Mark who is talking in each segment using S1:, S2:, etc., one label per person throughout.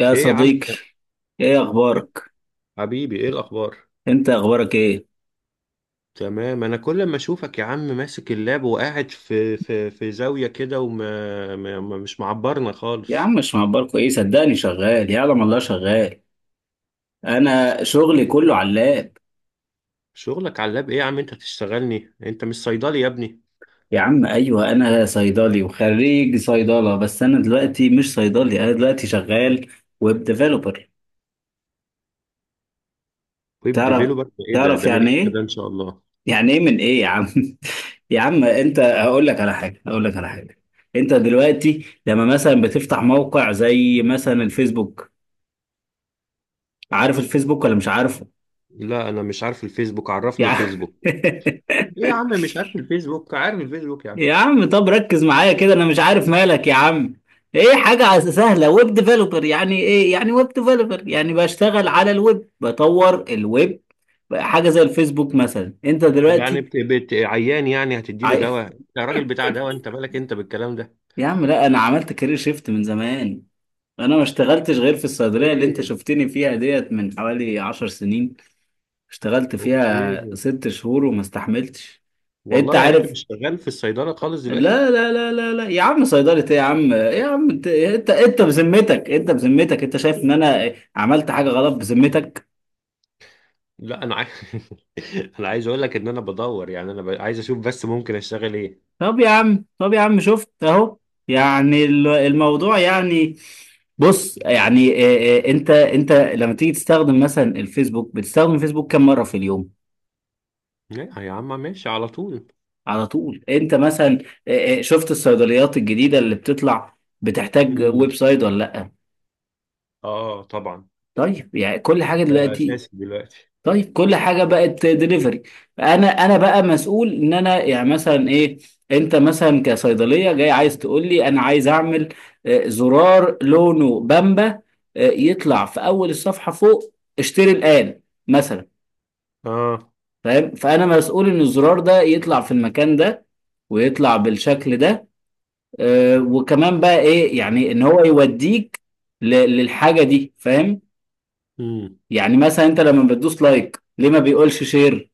S1: يا
S2: ايه يا عم إسماعيل؟
S1: صديقي. ايه اخبارك
S2: حبيبي ايه الاخبار.
S1: انت اخبارك ايه؟
S2: تمام، انا كل ما اشوفك يا عم ماسك اللاب وقاعد في زاويه كده وما ما ما- مش معبرنا
S1: يا
S2: خالص.
S1: عم مش مهبل ايه، صدقني شغال، يعلم الله شغال. انا شغلي كله علاق.
S2: شغلك على اللاب ايه يا عم؟ انت تشتغلني، انت مش صيدلي يا ابني.
S1: يا عم ايوه، انا صيدلي وخريج صيدله، بس انا دلوقتي مش صيدلي، انا دلوقتي شغال ويب ديفلوبر.
S2: ويب
S1: تعرف
S2: ديفيلوبر ايه ده؟
S1: تعرف
S2: من
S1: يعني
S2: امتى
S1: ايه؟
S2: ده ان شاء الله؟
S1: يعني ايه من ايه يا عم؟ يا عم انت هقول لك على حاجه، هقول لك على حاجه. انت دلوقتي لما مثلا بتفتح موقع زي مثلا الفيسبوك، عارف الفيسبوك ولا مش عارفه؟
S2: لا انا مش عارف الفيسبوك، عرفني
S1: يعني.
S2: الفيسبوك. ايه يا عم مش عارف الفيسبوك؟ عارف الفيسبوك يعني.
S1: يا عم طب ركز معايا كده، انا مش عارف مالك يا عم. ايه، حاجة سهلة. ويب ديفلوبر يعني ايه؟ يعني ويب ديفلوبر يعني بشتغل على الويب، بطور الويب. حاجة زي الفيسبوك مثلا، انت دلوقتي
S2: عيان يعني هتديله
S1: عاي...
S2: دواء؟ انت راجل بتاع دواء، انت مالك انت بالكلام ده؟
S1: يا عم لا، انا عملت كارير شيفت من زمان. انا ما اشتغلتش غير في الصيدلية اللي انت
S2: ايه.
S1: شفتني فيها ديت من حوالي 10 سنين. اشتغلت
S2: اوكي.
S1: فيها 6 شهور وما استحملتش. انت
S2: والله يعني انت
S1: عارف.
S2: مش شغال في الصيدله خالص دلوقتي؟
S1: لا لا لا لا لا يا عم، صيدلة ايه يا عم، إيه يا عم؟ انت بذمتك، انت انت شايف ان انا عملت حاجة غلط؟ بذمتك.
S2: لا انا عايز. انا عايز اقول لك ان انا بدور، يعني عايز اشوف بس ممكن اشتغل ايه.
S1: طب يا عم شفت اهو، يعني الموضوع يعني، بص يعني. إيه انت لما تيجي تستخدم مثلا الفيسبوك، بتستخدم الفيسبوك كم مرة في اليوم؟
S2: لا يا عم ماشي على طول.
S1: على طول، انت مثلا. إيه شفت الصيدليات الجديدة اللي بتطلع بتحتاج ويب
S2: امم.
S1: سايت ولا لا؟
S2: اه طبعا.
S1: طيب يعني كل حاجة
S2: ده
S1: دلوقتي،
S2: اساسي دلوقتي.
S1: طيب كل حاجه بقت دليفري. انا بقى مسؤول ان انا يعني مثلا، ايه، انت مثلا كصيدليه جاي عايز تقول لي انا عايز اعمل، زرار لونه بامبا، يطلع في اول الصفحه فوق، اشتري الان مثلا.
S2: اه.
S1: فاهم؟ فانا مسؤول ان الزرار ده يطلع في المكان ده ويطلع بالشكل ده. وكمان بقى ايه، يعني ان هو يوديك ل- للحاجه دي. فاهم؟
S2: امم.
S1: يعني مثلا انت لما بتدوس لايك، ليه ما بيقولش شير؟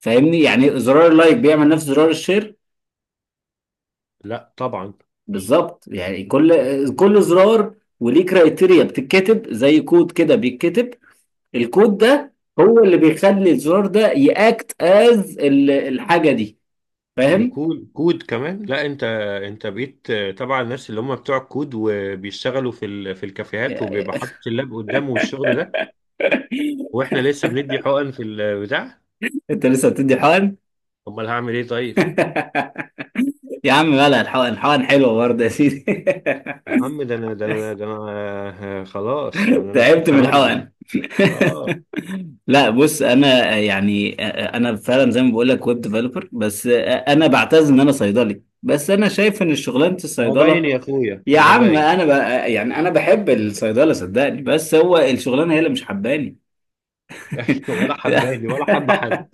S1: فاهمني؟ يعني زرار اللايك بيعمل نفس زرار الشير
S2: لا طبعا.
S1: بالظبط. يعني كل زرار وليه كرايتيريا بتتكتب زي كود كده، بيتكتب. الكود ده هو اللي بيخلي الزرار ده ياكت از الحاجه دي. فاهم؟
S2: يكون كود كمان؟ لا انت، انت بقيت تبع الناس اللي هم بتوع الكود وبيشتغلوا في الكافيهات وبيبقى حاطط اللاب قدامه والشغل ده، واحنا لسه بندي حقن في البتاع.
S1: انت لسه بتدي حقن؟
S2: امال هعمل ايه طيب؟
S1: يا عم مالها الحقن، الحقن حلوه برضه يا سيدي.
S2: يا عم ده انا ده انا ده انا آه، آه، خلاص يعني انا
S1: تعبت
S2: كنت
S1: من
S2: مرجي.
S1: الحقن؟
S2: اه.
S1: لا بص انا يعني، انا فعلا زي ما بقول لك ويب ديفلوبر، بس انا بعتز ان انا صيدلي، بس انا شايف ان شغلانه
S2: ما هو باين
S1: الصيدله،
S2: يا اخويا،
S1: يا
S2: ما هو
S1: عم
S2: باين.
S1: انا يعني انا بحب الصيدله صدقني، بس هو الشغلانه هي اللي مش حباني.
S2: ولا حباني ولا حب حد.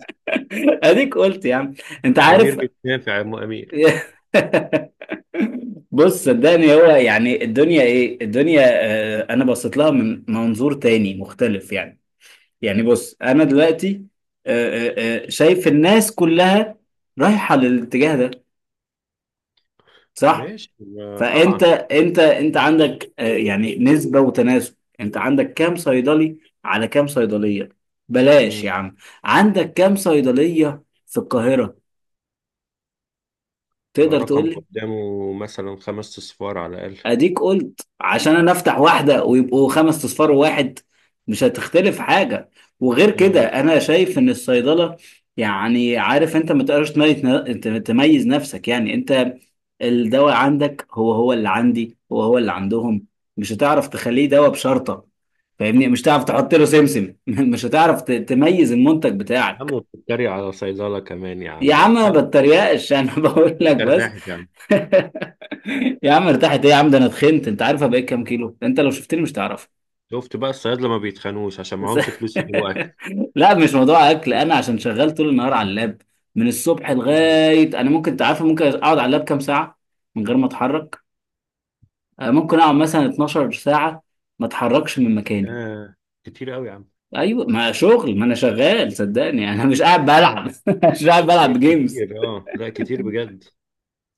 S1: اديك قلت يا عم. انت
S2: امير
S1: عارف.
S2: مش نافع يا ام امير.
S1: بص صدقني، هو يعني الدنيا، ايه الدنيا؟ انا بصيت لها من منظور تاني مختلف يعني. يعني بص انا دلوقتي، شايف الناس كلها رايحه للاتجاه ده، صح؟
S2: ماشي. آه،
S1: فانت
S2: طبعا.
S1: انت انت عندك، يعني نسبه وتناسب، انت عندك كام صيدلي على كام صيدليه؟ بلاش يا
S2: مم.
S1: عم، عندك كام صيدليه في القاهره، تقدر تقول
S2: رقم
S1: لي؟
S2: قدامه مثلا خمس اصفار على الاقل.
S1: اديك قلت. عشان انا افتح واحده ويبقوا خمس اصفار واحد، مش هتختلف حاجه. وغير كده،
S2: امم.
S1: انا شايف ان الصيدله يعني، عارف انت، ما تقدرش تميز تميز نفسك. يعني انت الدواء عندك هو هو اللي عندي، هو هو اللي عندهم، مش هتعرف تخليه دواء بشرطه. فاهمني؟ مش هتعرف تحط له سمسم. مش هتعرف تميز المنتج
S2: عم
S1: بتاعك.
S2: وبتتريق على صيدله كمان يا
S1: يا
S2: عم
S1: عم ما
S2: وحال؟
S1: بتريقش. انا بقول
S2: مش
S1: لك بس.
S2: ارتاحت يعني؟
S1: يا عم ارتحت ايه يا عم؟ ده انا اتخنت، انت عارف؟ أنا بقيت كام كيلو، انت لو شفتني مش تعرف.
S2: شفت بقى الصيادله ما بيتخانوش عشان
S1: بس.
S2: معهمش فلوس يجيبوا اكل.
S1: لا مش موضوع اكل، انا عشان شغال طول النهار على اللاب. من الصبح
S2: مم.
S1: لغايه، انا ممكن، تعرف، ممكن اقعد على اللاب كام ساعه من غير ما اتحرك. ممكن اقعد مثلا 12 ساعه ما اتحركش من مكاني.
S2: آه. كتير قوي يا عم.
S1: ايوه، ما شغل، ما انا شغال صدقني. يعني انا مش قاعد بلعب، مش قاعد بلعب
S2: كتير
S1: جيمز.
S2: كتير اه لا كتير بجد.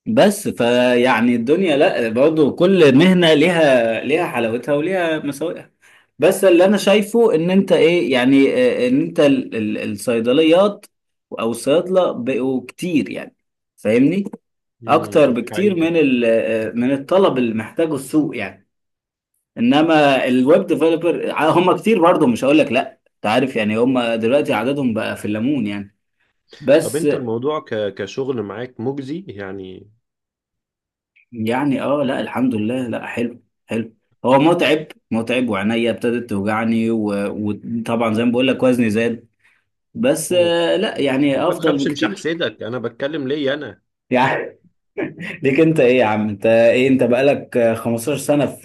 S1: بس فيعني الدنيا، لا برضه كل مهنه ليها حلاوتها وليها مساوئها. بس اللي انا شايفه ان انت، ايه يعني، ان انت الصيدليات او الصيادله بقوا كتير يعني، فاهمني؟
S2: امم،
S1: اكتر
S2: دي
S1: بكتير
S2: حقيقة.
S1: من من الطلب اللي محتاجه السوق يعني. انما الويب ديفلوبر هم كتير برضه، مش هقول لك لا، انت عارف، يعني هم دلوقتي عددهم بقى في الليمون يعني.
S2: طب
S1: بس.
S2: انت الموضوع كشغل معاك مجزي يعني؟
S1: يعني اه لا، الحمد لله، لا حلو حلو. هو متعب متعب، وعينيا ابتدت توجعني، وطبعا زي ما بقول لك، وزني زاد. بس
S2: مم.
S1: لا يعني
S2: ما
S1: افضل
S2: تخافش مش
S1: بكتير.
S2: هحسدك، انا بتكلم ليا انا.
S1: يعني. ليك انت ايه يا عم، انت ايه، انت بقالك 15 سنة في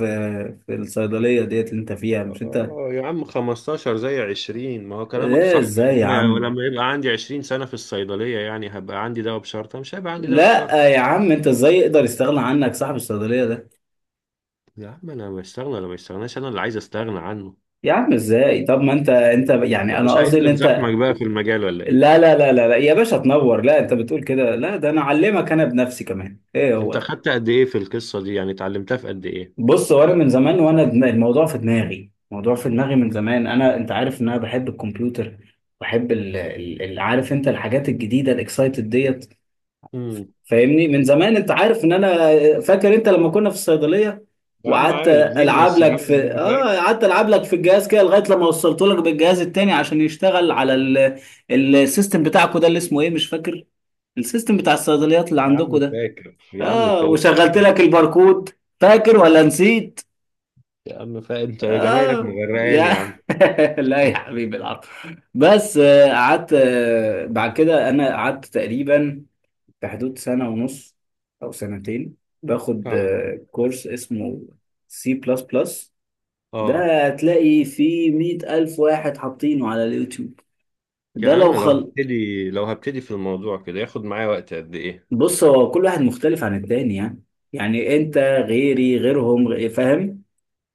S1: في الصيدلية ديت اللي انت فيها، مش انت؟
S2: اه يا عم 15 زي 20، ما هو كلامك
S1: ايه
S2: صح.
S1: ازاي يا
S2: انا
S1: عم؟
S2: لما يبقى عندي 20 سنة في الصيدلية يعني هبقى عندي دواء بشرطة؟ مش هيبقى عندي دواء
S1: لا
S2: بشرطة.
S1: يا عم انت، ازاي يقدر يستغنى عنك صاحب الصيدلية ده؟
S2: يا عم انا بستغنى ولا ما استغناش، انا اللي عايز استغنى عنه.
S1: يا عم ازاي؟ طب ما انت يعني،
S2: طب مش
S1: انا قصدي ان
S2: عايزني نزحمك
S1: انت،
S2: بقى في المجال ولا ايه؟
S1: لا لا لا لا لا يا باشا تنور، لا انت بتقول كده، لا ده انا اعلمك انا بنفسي كمان، ايه هو
S2: انت
S1: ده.
S2: خدت قد ايه في القصة دي؟ يعني اتعلمتها في قد ايه؟
S1: بص، وانا من زمان وانا الموضوع في دماغي، الموضوع في دماغي من زمان. انا، انت عارف ان انا بحب الكمبيوتر، بحب عارف انت الحاجات الجديده، الاكسايتد ديت.
S2: امم.
S1: فاهمني؟ من زمان انت عارف ان انا، فاكر انت لما كنا في الصيدليه
S2: يا عم
S1: وقعدت
S2: عايز
S1: العب
S2: جينيوس، يا
S1: لك
S2: عم
S1: في،
S2: انا فاكر،
S1: قعدت العب لك في الجهاز كده لغايه لما وصلت لك بالجهاز التاني عشان يشتغل على السيستم بتاعكو ده اللي اسمه ايه، مش فاكر، السيستم بتاع الصيدليات اللي
S2: يا
S1: عندكو
S2: عم
S1: ده.
S2: فاكر، يا عم
S1: اه،
S2: فاكر.
S1: وشغلت لك الباركود، فاكر ولا نسيت؟
S2: يا عم فاهم انت، جمايلك
S1: آه
S2: مغرقاني
S1: يا
S2: يا عم.
S1: لا يا حبيبي العرب. بس قعدت، بعد كده انا قعدت تقريبا في حدود سنة ونص او سنتين باخد
S2: اه.
S1: كورس اسمه سي بلس بلس.
S2: اه
S1: ده هتلاقي فيه 100 ألف واحد حاطينه على اليوتيوب. ده
S2: يعني
S1: لو
S2: انا لو
S1: خل،
S2: هبتدي، لو هبتدي في الموضوع كده ياخد معايا وقت قد ايه؟
S1: بص هو كل واحد مختلف عن التاني يعني. يعني انت، غيري غيرهم، فاهم؟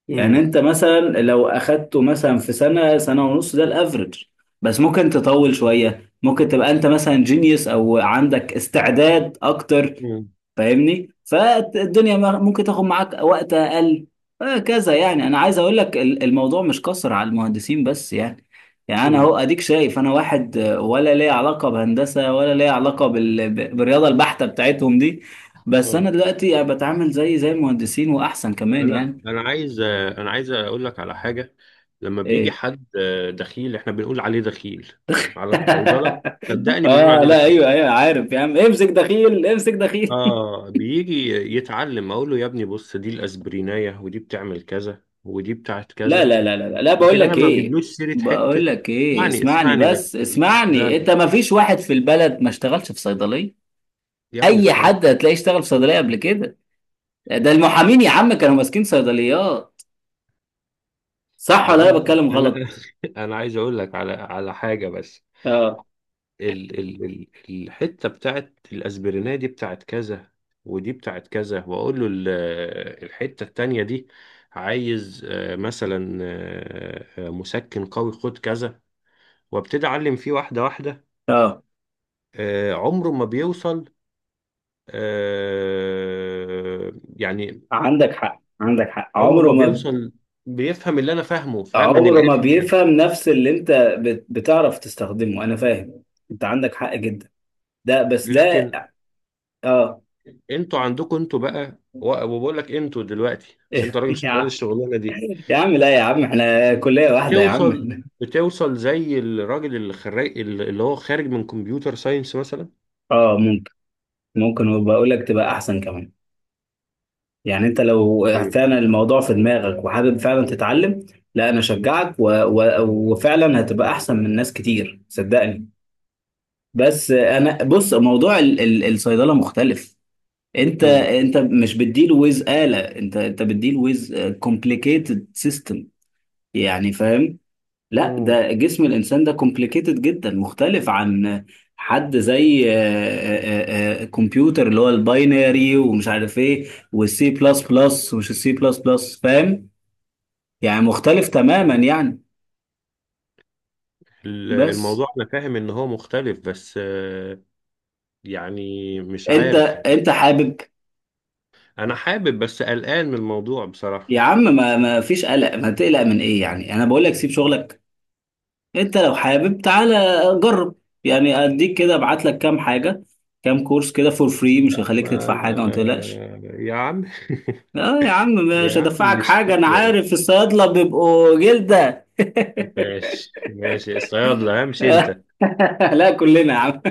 S1: يعني
S2: امم.
S1: انت مثلا لو اخدته مثلا في سنه، سنه ونص، ده الافرج. بس ممكن تطول شويه، ممكن تبقى انت مثلا جينيوس او عندك استعداد اكتر،
S2: امم.
S1: فاهمني؟ فالدنيا، ممكن تاخد معاك وقت اقل. هكذا. يعني انا عايز اقول لك الموضوع مش قصر على المهندسين بس يعني. يعني انا اهو
S2: امم.
S1: اديك، شايف انا واحد ولا ليه علاقه بهندسه، ولا ليه علاقه بالرياضه البحته بتاعتهم دي؟ بس
S2: اه.
S1: انا دلوقتي يعني بتعامل زي المهندسين واحسن كمان
S2: انا
S1: يعني.
S2: انا عايز، عايز اقول لك على حاجه. لما بيجي
S1: إيه،.
S2: حد دخيل، احنا بنقول عليه دخيل على الصيدله، صدقني بنقول
S1: اه
S2: عليه
S1: لا، ايوه
S2: دخيل.
S1: ايوه، عارف يا عم، امسك دخيل امسك دخيل.
S2: اه بيجي يتعلم، اقول له يا ابني بص، دي الاسبرينايه ودي بتعمل كذا ودي بتاعت
S1: لا
S2: كذا،
S1: لا لا لا لا لا، بقول
S2: لكن انا
S1: لك
S2: ما
S1: ايه،
S2: بجيبلوش سيره
S1: بقول
S2: حته.
S1: لك ايه،
S2: اسمعني
S1: اسمعني
S2: اسمعني
S1: بس،
S2: بس.
S1: اسمعني. انت
S2: لا
S1: ما فيش واحد في البلد ما اشتغلش في صيدليه.
S2: يا ابني
S1: اي
S2: افهم.
S1: حد هتلاقيه اشتغل في صيدليه قبل كده. ده المحامين يا عم كانوا ماسكين صيدليات، صح
S2: يا
S1: ولا
S2: عم
S1: انا بتكلم
S2: انا،
S1: غلط؟
S2: انا عايز اقول لك على حاجه بس.
S1: اه
S2: ال ال ال الحته بتاعت الاسبرينيه دي بتاعت كذا، ودي بتاعت كذا، واقول له الحته التانيه دي عايز مثلا مسكن قوي خد كذا، وابتدي اعلم فيه واحده واحده.
S1: اه،
S2: آه، عمره ما بيوصل. آه، يعني
S1: عندك حق، عندك حق.
S2: عمره
S1: عمره
S2: ما
S1: ما،
S2: بيوصل، بيفهم اللي انا فاهمه، فاهم من
S1: عمره ما
S2: الاخر يعني.
S1: بيفهم نفس اللي انت بتعرف تستخدمه، انا فاهم. انت عندك حق جدا. ده بس ده.
S2: لكن
S1: اه.
S2: انتوا عندكم، انتوا بقى وبقول لك انتوا دلوقتي عشان انت راجل
S1: يا
S2: شغال
S1: عم،
S2: الشغلانه دي،
S1: يا عم لا، يا عم احنا كلية واحدة يا
S2: بتوصل،
S1: عم.
S2: بتوصل زي الراجل اللي خريج، اللي هو خارج من كمبيوتر ساينس مثلا.
S1: اه ممكن، ممكن، وبقول لك تبقى احسن كمان. يعني انت لو
S2: ايه.
S1: فعلا الموضوع في دماغك وحابب فعلا تتعلم، لا انا اشجعك، وفعلا هتبقى احسن من ناس كتير صدقني. بس انا بص، موضوع الصيدلة مختلف. انت
S2: امم.
S1: انت مش بتديل ويز آلة، انت بتديل ويز كومبليكيتد سيستم. يعني فاهم؟ لا
S2: امم.
S1: ده جسم الانسان ده كومبليكيتد جدا، مختلف عن حد زي، كمبيوتر اللي هو الباينري ومش عارف ايه، والسي بلس بلس ومش السي بلس بلس، فاهم؟ يعني مختلف تماما يعني. بس
S2: الموضوع انا فاهم ان هو مختلف، بس آه، يعني مش
S1: انت
S2: عارف يعني.
S1: انت حابب.
S2: انا حابب بس قلقان من الموضوع بصراحة.
S1: يا عم ما فيش قلق، ما تقلق من ايه؟ يعني انا بقول لك سيب شغلك، انت لو حابب تعالى جرب. يعني اديك كده، ابعت لك كام حاجة، كام كورس كده فور فري، مش
S2: لا
S1: هخليك
S2: ما
S1: تدفع حاجة، ما
S2: أنا.
S1: تقلقش.
S2: يا عم.
S1: اه. يا عم مش
S2: يا عم
S1: هدفعك
S2: مش
S1: حاجة، أنا
S2: كده.
S1: عارف الصيادلة بيبقوا جلدة.
S2: ماشي ماشي الصيادلة، امشي انت.
S1: لا كلنا يا عم.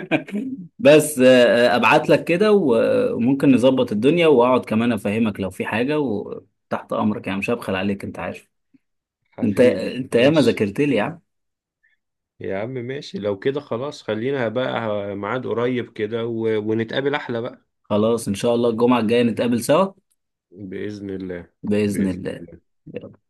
S1: بس أبعت لك كده، وممكن نظبط الدنيا، وأقعد كمان أفهمك لو في حاجة، وتحت أمرك يعني، مش هبخل عليك أنت عارف. أنت
S2: حبيبي
S1: أنت ياما
S2: ماشي.
S1: ذاكرت لي يا عم.
S2: يا عم ماشي لو كده، خلاص خلينا بقى ميعاد قريب كده ونتقابل احلى بقى.
S1: خلاص إن شاء الله الجمعة الجاية نتقابل سوا.
S2: بإذن الله.
S1: بإذن
S2: بإذن
S1: الله.
S2: الله.
S1: يلا.